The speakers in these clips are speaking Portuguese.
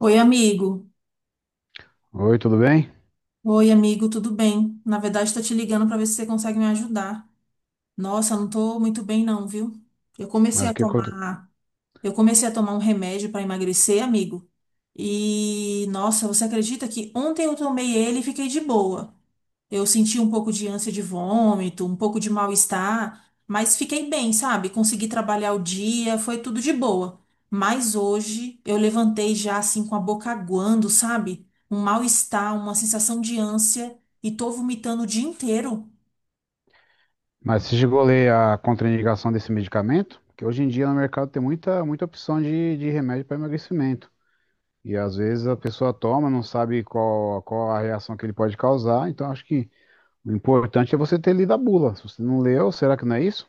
Oi, amigo. Oi, tudo bem? Oi, amigo, tudo bem? Na verdade, tô te ligando para ver se você consegue me ajudar. Nossa, eu não tô muito bem não, viu? Eu comecei Mas a o que aconte- tomar, eu comecei a tomar um remédio para emagrecer, amigo. E nossa, você acredita que ontem eu tomei ele e fiquei de boa. Eu senti um pouco de ânsia de vômito, um pouco de mal-estar, mas fiquei bem, sabe? Consegui trabalhar o dia, foi tudo de boa. Mas hoje eu levantei já assim com a boca aguando, sabe? Um mal-estar, uma sensação de ânsia e tô vomitando o dia inteiro. Mas você chegou a ler a contraindicação desse medicamento? Porque hoje em dia no mercado tem muita, muita opção de remédio para emagrecimento. E às vezes a pessoa toma, não sabe qual, qual a reação que ele pode causar. Então acho que o importante é você ter lido a bula. Se você não leu, será que não é isso?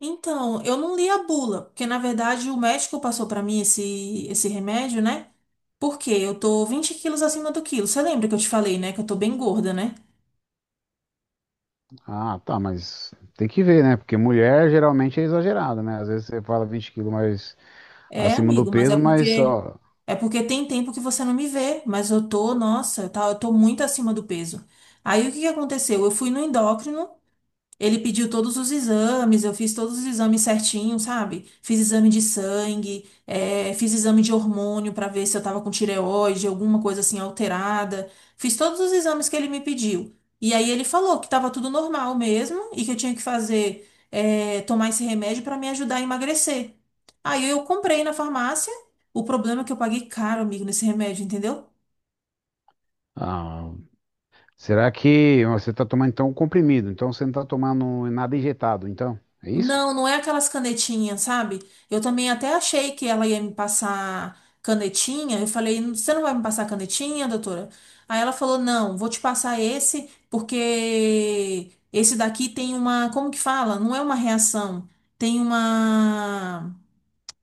Então, eu não li a bula, porque na verdade o médico passou pra mim esse remédio, né? Porque eu tô 20 quilos acima do quilo. Você lembra que eu te falei, né? Que eu tô bem gorda, né? Ah, tá, mas tem que ver, né? Porque mulher geralmente é exagerada, né? Às vezes você fala 20 quilos mais É, acima do amigo, mas é peso, mas porque ó, tem tempo que você não me vê, mas eu tô, nossa, tá, eu tô muito acima do peso. Aí o que que aconteceu? Eu fui no endócrino, ele pediu todos os exames, eu fiz todos os exames certinho, sabe? Fiz exame de sangue, fiz exame de hormônio para ver se eu tava com tireoide, alguma coisa assim alterada. Fiz todos os exames que ele me pediu. E aí ele falou que tava tudo normal mesmo e que eu tinha que fazer, tomar esse remédio para me ajudar a emagrecer. Aí eu comprei na farmácia. O problema é que eu paguei caro, amigo, nesse remédio, entendeu? ah, será que você está tomando então um comprimido? Então você não está tomando nada injetado, então? É isso? Não, não é aquelas canetinhas, sabe? Eu também até achei que ela ia me passar canetinha. Eu falei, você não vai me passar canetinha, doutora? Aí ela falou, não, vou te passar esse, porque esse daqui tem uma, como que fala? Não é uma reação, tem uma,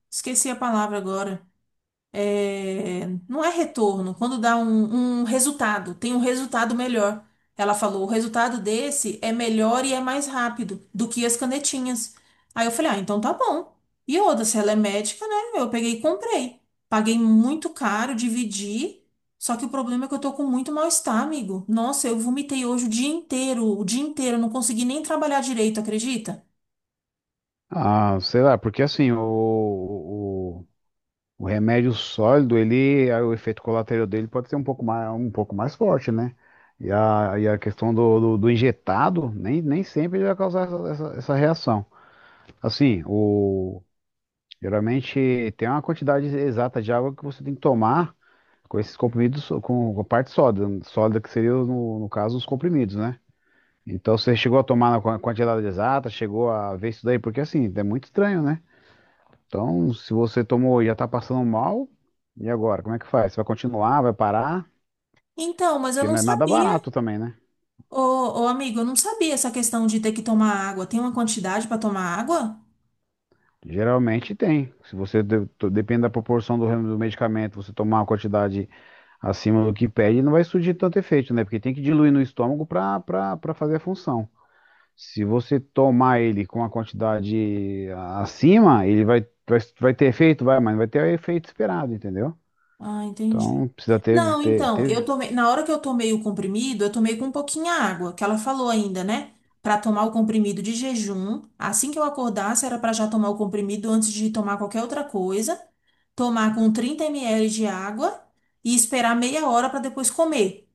esqueci a palavra agora, é, não é retorno, quando dá um, um resultado, tem um resultado melhor. Ela falou, o resultado desse é melhor e é mais rápido do que as canetinhas. Aí eu falei, ah, então tá bom. E outra, se ela é médica, né? Eu peguei e comprei. Paguei muito caro, dividi. Só que o problema é que eu tô com muito mal-estar, amigo. Nossa, eu vomitei hoje o dia inteiro, eu não consegui nem trabalhar direito, acredita? Ah, sei lá, porque assim, o remédio sólido, ele, o efeito colateral dele pode ser um pouco mais forte, né? E a questão do injetado, nem sempre ele vai causar essa reação. Assim, geralmente tem uma quantidade exata de água que você tem que tomar com esses comprimidos, com a parte sólida, sólida que seria, no caso, os comprimidos, né? Então você chegou a tomar na quantidade exata, chegou a ver isso daí, porque assim, é muito estranho, né? Então, se você tomou e já tá passando mal, e agora? Como é que faz? Você vai continuar, vai parar? Então, mas eu Porque não não é nada sabia. barato também, né? Ô, ô, amigo, eu não sabia essa questão de ter que tomar água. Tem uma quantidade para tomar água? Geralmente tem. Se você depende da proporção do, do medicamento, você tomar uma quantidade acima do que pede, não vai surgir tanto efeito, né? Porque tem que diluir no estômago para para fazer a função. Se você tomar ele com a quantidade acima, ele vai, vai ter efeito, vai, mas não vai ter o efeito esperado, entendeu? Ah, Então entendi. precisa ter, Não, então, eu tomei, na hora que eu tomei o comprimido, eu tomei com pouquinha água, que ela falou ainda, né? Pra tomar o comprimido de jejum, assim que eu acordasse, era pra já tomar o comprimido antes de tomar qualquer outra coisa, tomar com 30 ml de água e esperar meia hora pra depois comer.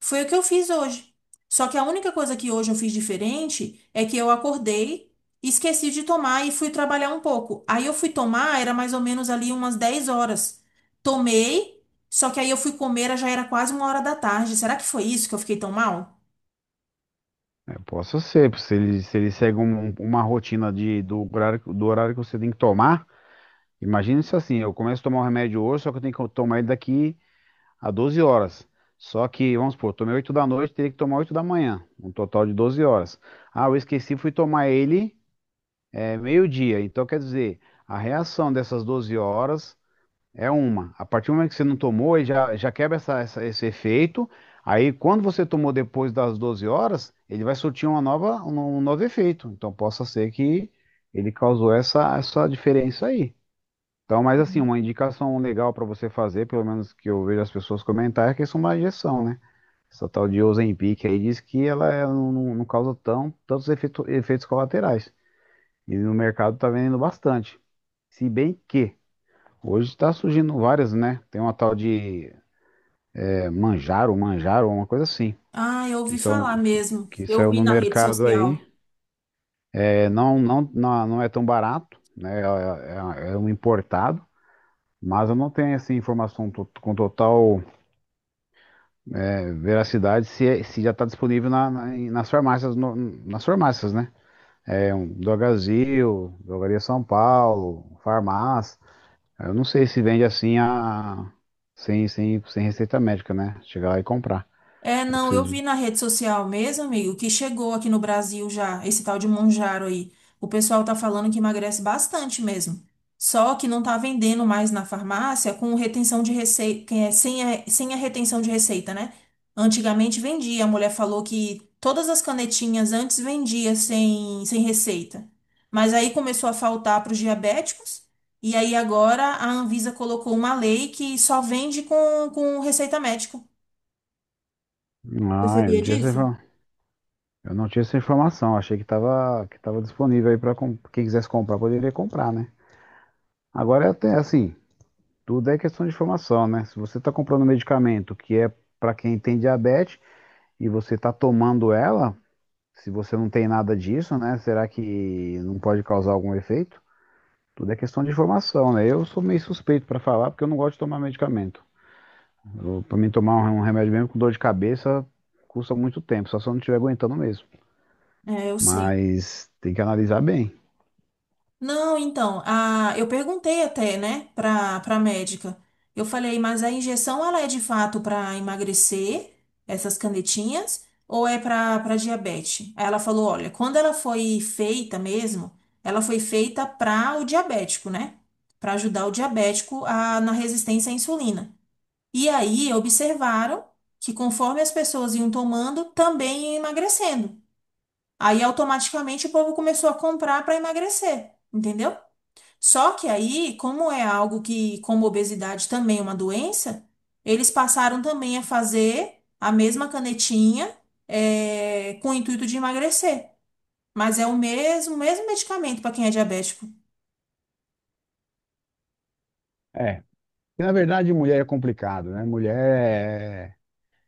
Foi o que eu fiz hoje. Só que a única coisa que hoje eu fiz diferente é que eu acordei, esqueci de tomar e fui trabalhar um pouco. Aí eu fui tomar, era mais ou menos ali umas 10 horas. Tomei, só que aí eu fui comer, já era quase 1 hora da tarde. Será que foi isso que eu fiquei tão mal? é, possa ser, se ele, se ele segue uma rotina de, do horário que você tem que tomar, imagina se assim, eu começo a tomar o remédio hoje, só que eu tenho que tomar ele daqui a 12 horas. Só que, vamos supor, eu tomei 8 da noite, teria que tomar 8 da manhã, um total de 12 horas. Ah, eu esqueci, fui tomar ele é meio-dia, então quer dizer, a reação dessas 12 horas é uma. A partir do momento que você não tomou, aí já, já quebra esse efeito. Aí, quando você tomou depois das 12 horas, ele vai surtir uma nova, um novo efeito. Então, possa ser que ele causou essa, essa diferença aí. Então, mas assim, uma indicação legal para você fazer, pelo menos que eu vejo as pessoas comentar, é que isso é uma injeção, né? Essa tal de Ozempic aí diz que ela não, não causa tão, efeitos colaterais. E no mercado tá vendendo bastante. Se bem que hoje está surgindo várias, né? Tem uma tal de manjaro, uma coisa assim, Ah, eu que ouvi falar são que, mesmo. que Eu saiu vi no na rede mercado aí. social. É, não é tão barato, né? É, é um importado, mas eu não tenho essa assim, informação com total é, veracidade se, se já está disponível nas farmácias, nas farmácias, né? É um do Brasil, Drogaria São Paulo, farmácia. Eu não sei se vende assim a... sem receita médica, né? Chegar lá e comprar. É, Ou não, precisa eu de. vi na rede social mesmo, amigo, que chegou aqui no Brasil já, esse tal de Monjaro aí. O pessoal tá falando que emagrece bastante mesmo. Só que não tá vendendo mais na farmácia com retenção de receita, é, sem a retenção de receita, né? Antigamente vendia, a mulher falou que todas as canetinhas antes vendia sem receita. Mas aí começou a faltar para os diabéticos, e aí agora a Anvisa colocou uma lei que só vende com receita médica. Você Ah, eu sabia não tinha essa, disso? Eu não tinha essa informação. Achei que tava disponível aí para quem quisesse comprar, poderia comprar, né? Agora é até assim, tudo é questão de informação, né? Se você tá comprando medicamento que é para quem tem diabetes e você tá tomando ela, se você não tem nada disso, né? Será que não pode causar algum efeito? Tudo é questão de informação, né? Eu sou meio suspeito para falar porque eu não gosto de tomar medicamento. Para mim tomar um remédio mesmo com dor de cabeça custa muito tempo, só se eu não estiver aguentando mesmo. É, eu sei. Mas tem que analisar bem. Não, então, a, eu perguntei até, né, pra médica. Eu falei, mas a injeção ela é de fato para emagrecer, essas canetinhas, ou é para diabetes? Aí ela falou, olha, quando ela foi feita mesmo, ela foi feita para o diabético, né? Para ajudar o diabético a, na resistência à insulina. E aí observaram que conforme as pessoas iam tomando, também ia emagrecendo. Aí automaticamente o povo começou a comprar para emagrecer, entendeu? Só que aí, como é algo que, como obesidade também é uma doença, eles passaram também a fazer a mesma canetinha, com o intuito de emagrecer. Mas é o mesmo, mesmo medicamento para quem é diabético. É. E na verdade, mulher é complicado, né? Mulher é...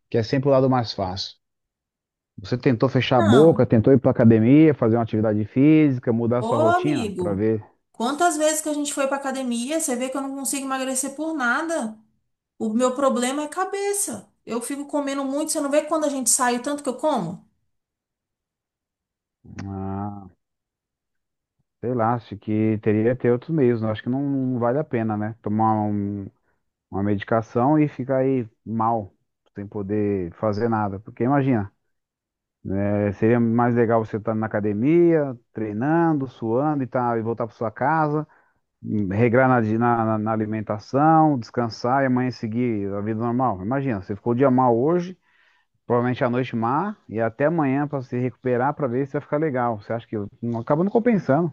quer sempre o lado mais fácil. Você tentou fechar a Não. boca, tentou ir para academia, fazer uma atividade física, mudar a Ô, sua rotina para amigo, ver. quantas vezes que a gente foi para academia, você vê que eu não consigo emagrecer por nada. O meu problema é cabeça. Eu fico comendo muito, você não vê quando a gente sai o tanto que eu como? Ah, sei lá, acho que teria que ter outros meios, né? Acho que não, não vale a pena, né? Tomar uma medicação e ficar aí mal, sem poder fazer nada. Porque imagina, é, seria mais legal você estar na academia, treinando, suando e, tá, e voltar para sua casa, regrar na, na alimentação, descansar e amanhã seguir a vida normal. Imagina, você ficou o dia mal hoje, provavelmente a noite má, e até amanhã para se recuperar para ver se vai ficar legal. Você acha que acaba não compensando?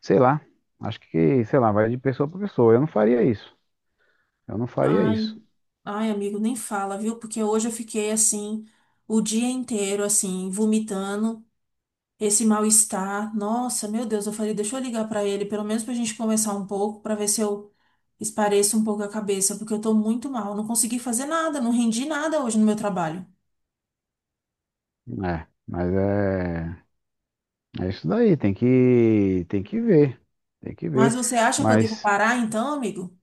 Sei lá. Acho que, sei lá, vai de pessoa para pessoa. Eu não faria Ai, isso. ai, amigo, nem fala, viu? Porque hoje eu fiquei assim, o dia inteiro, assim, vomitando esse mal-estar. Nossa, meu Deus, eu falei, deixa eu ligar pra ele, pelo menos pra gente conversar um pouco, pra ver se eu espareço um pouco a cabeça, porque eu tô muito mal. Não consegui fazer nada, não rendi nada hoje no meu trabalho. É, mas é, é isso daí, tem que ver, tem que Mas ver. você acha que eu devo Mas parar então, amigo?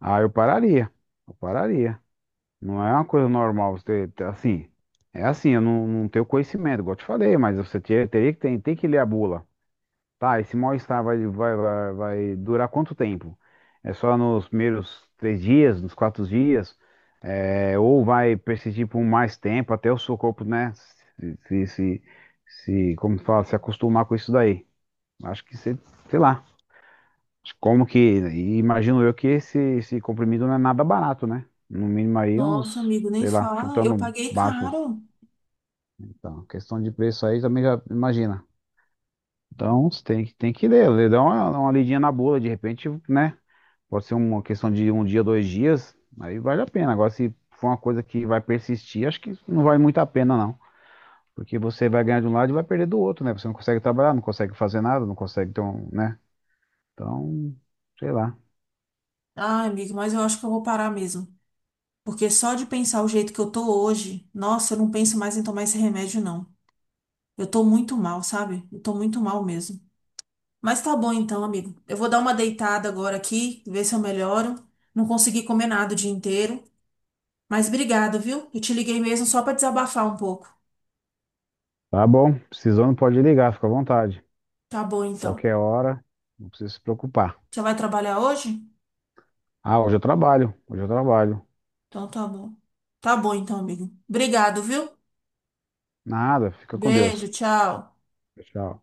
Ah, eu pararia. Eu pararia. Não é uma coisa normal você ter, assim. É assim, eu não, não tenho conhecimento, igual eu te falei, mas você teria que tem, tem que ler a bula. Tá, esse mal-estar vai, vai durar quanto tempo? É só nos primeiros 3 dias, nos 4 dias? É, ou vai persistir por mais tempo até o seu corpo, né? Como se fala, se acostumar com isso daí. Acho que você, sei lá. Como que. E imagino eu que esse comprimido não é nada barato, né? No mínimo aí Nossa, uns, amigo, nem sei lá, fala. Eu chutando paguei baixos. caro. Então, questão de preço aí também já imagina. Então, você tem, tem que ler, ler, dar uma lidinha na bula, de repente, né? Pode ser uma questão de um dia, 2 dias, aí vale a pena. Agora, se for uma coisa que vai persistir, acho que não vale muito a pena, não. Porque você vai ganhar de um lado e vai perder do outro, né? Você não consegue trabalhar, não consegue fazer nada, não consegue ter um, né? Então, sei lá. Ai, amigo, mas eu acho que eu vou parar mesmo. Porque só de pensar o jeito que eu tô hoje, nossa, eu não penso mais em tomar esse remédio, não. Eu tô muito mal, sabe? Eu tô muito mal mesmo. Mas tá bom então, amigo. Eu vou dar uma deitada agora aqui, ver se eu melhoro. Não consegui comer nada o dia inteiro. Mas obrigado, viu? Eu te liguei mesmo só pra desabafar um pouco. Tá bom, precisando pode ligar, fica à vontade. Tá bom então. Qualquer hora, não precisa se preocupar. Você vai trabalhar hoje? Ah, hoje eu trabalho, hoje eu trabalho. Então tá bom. Tá bom então, amigo. Obrigado, viu? Nada, fica com Beijo, Deus. tchau. Tchau.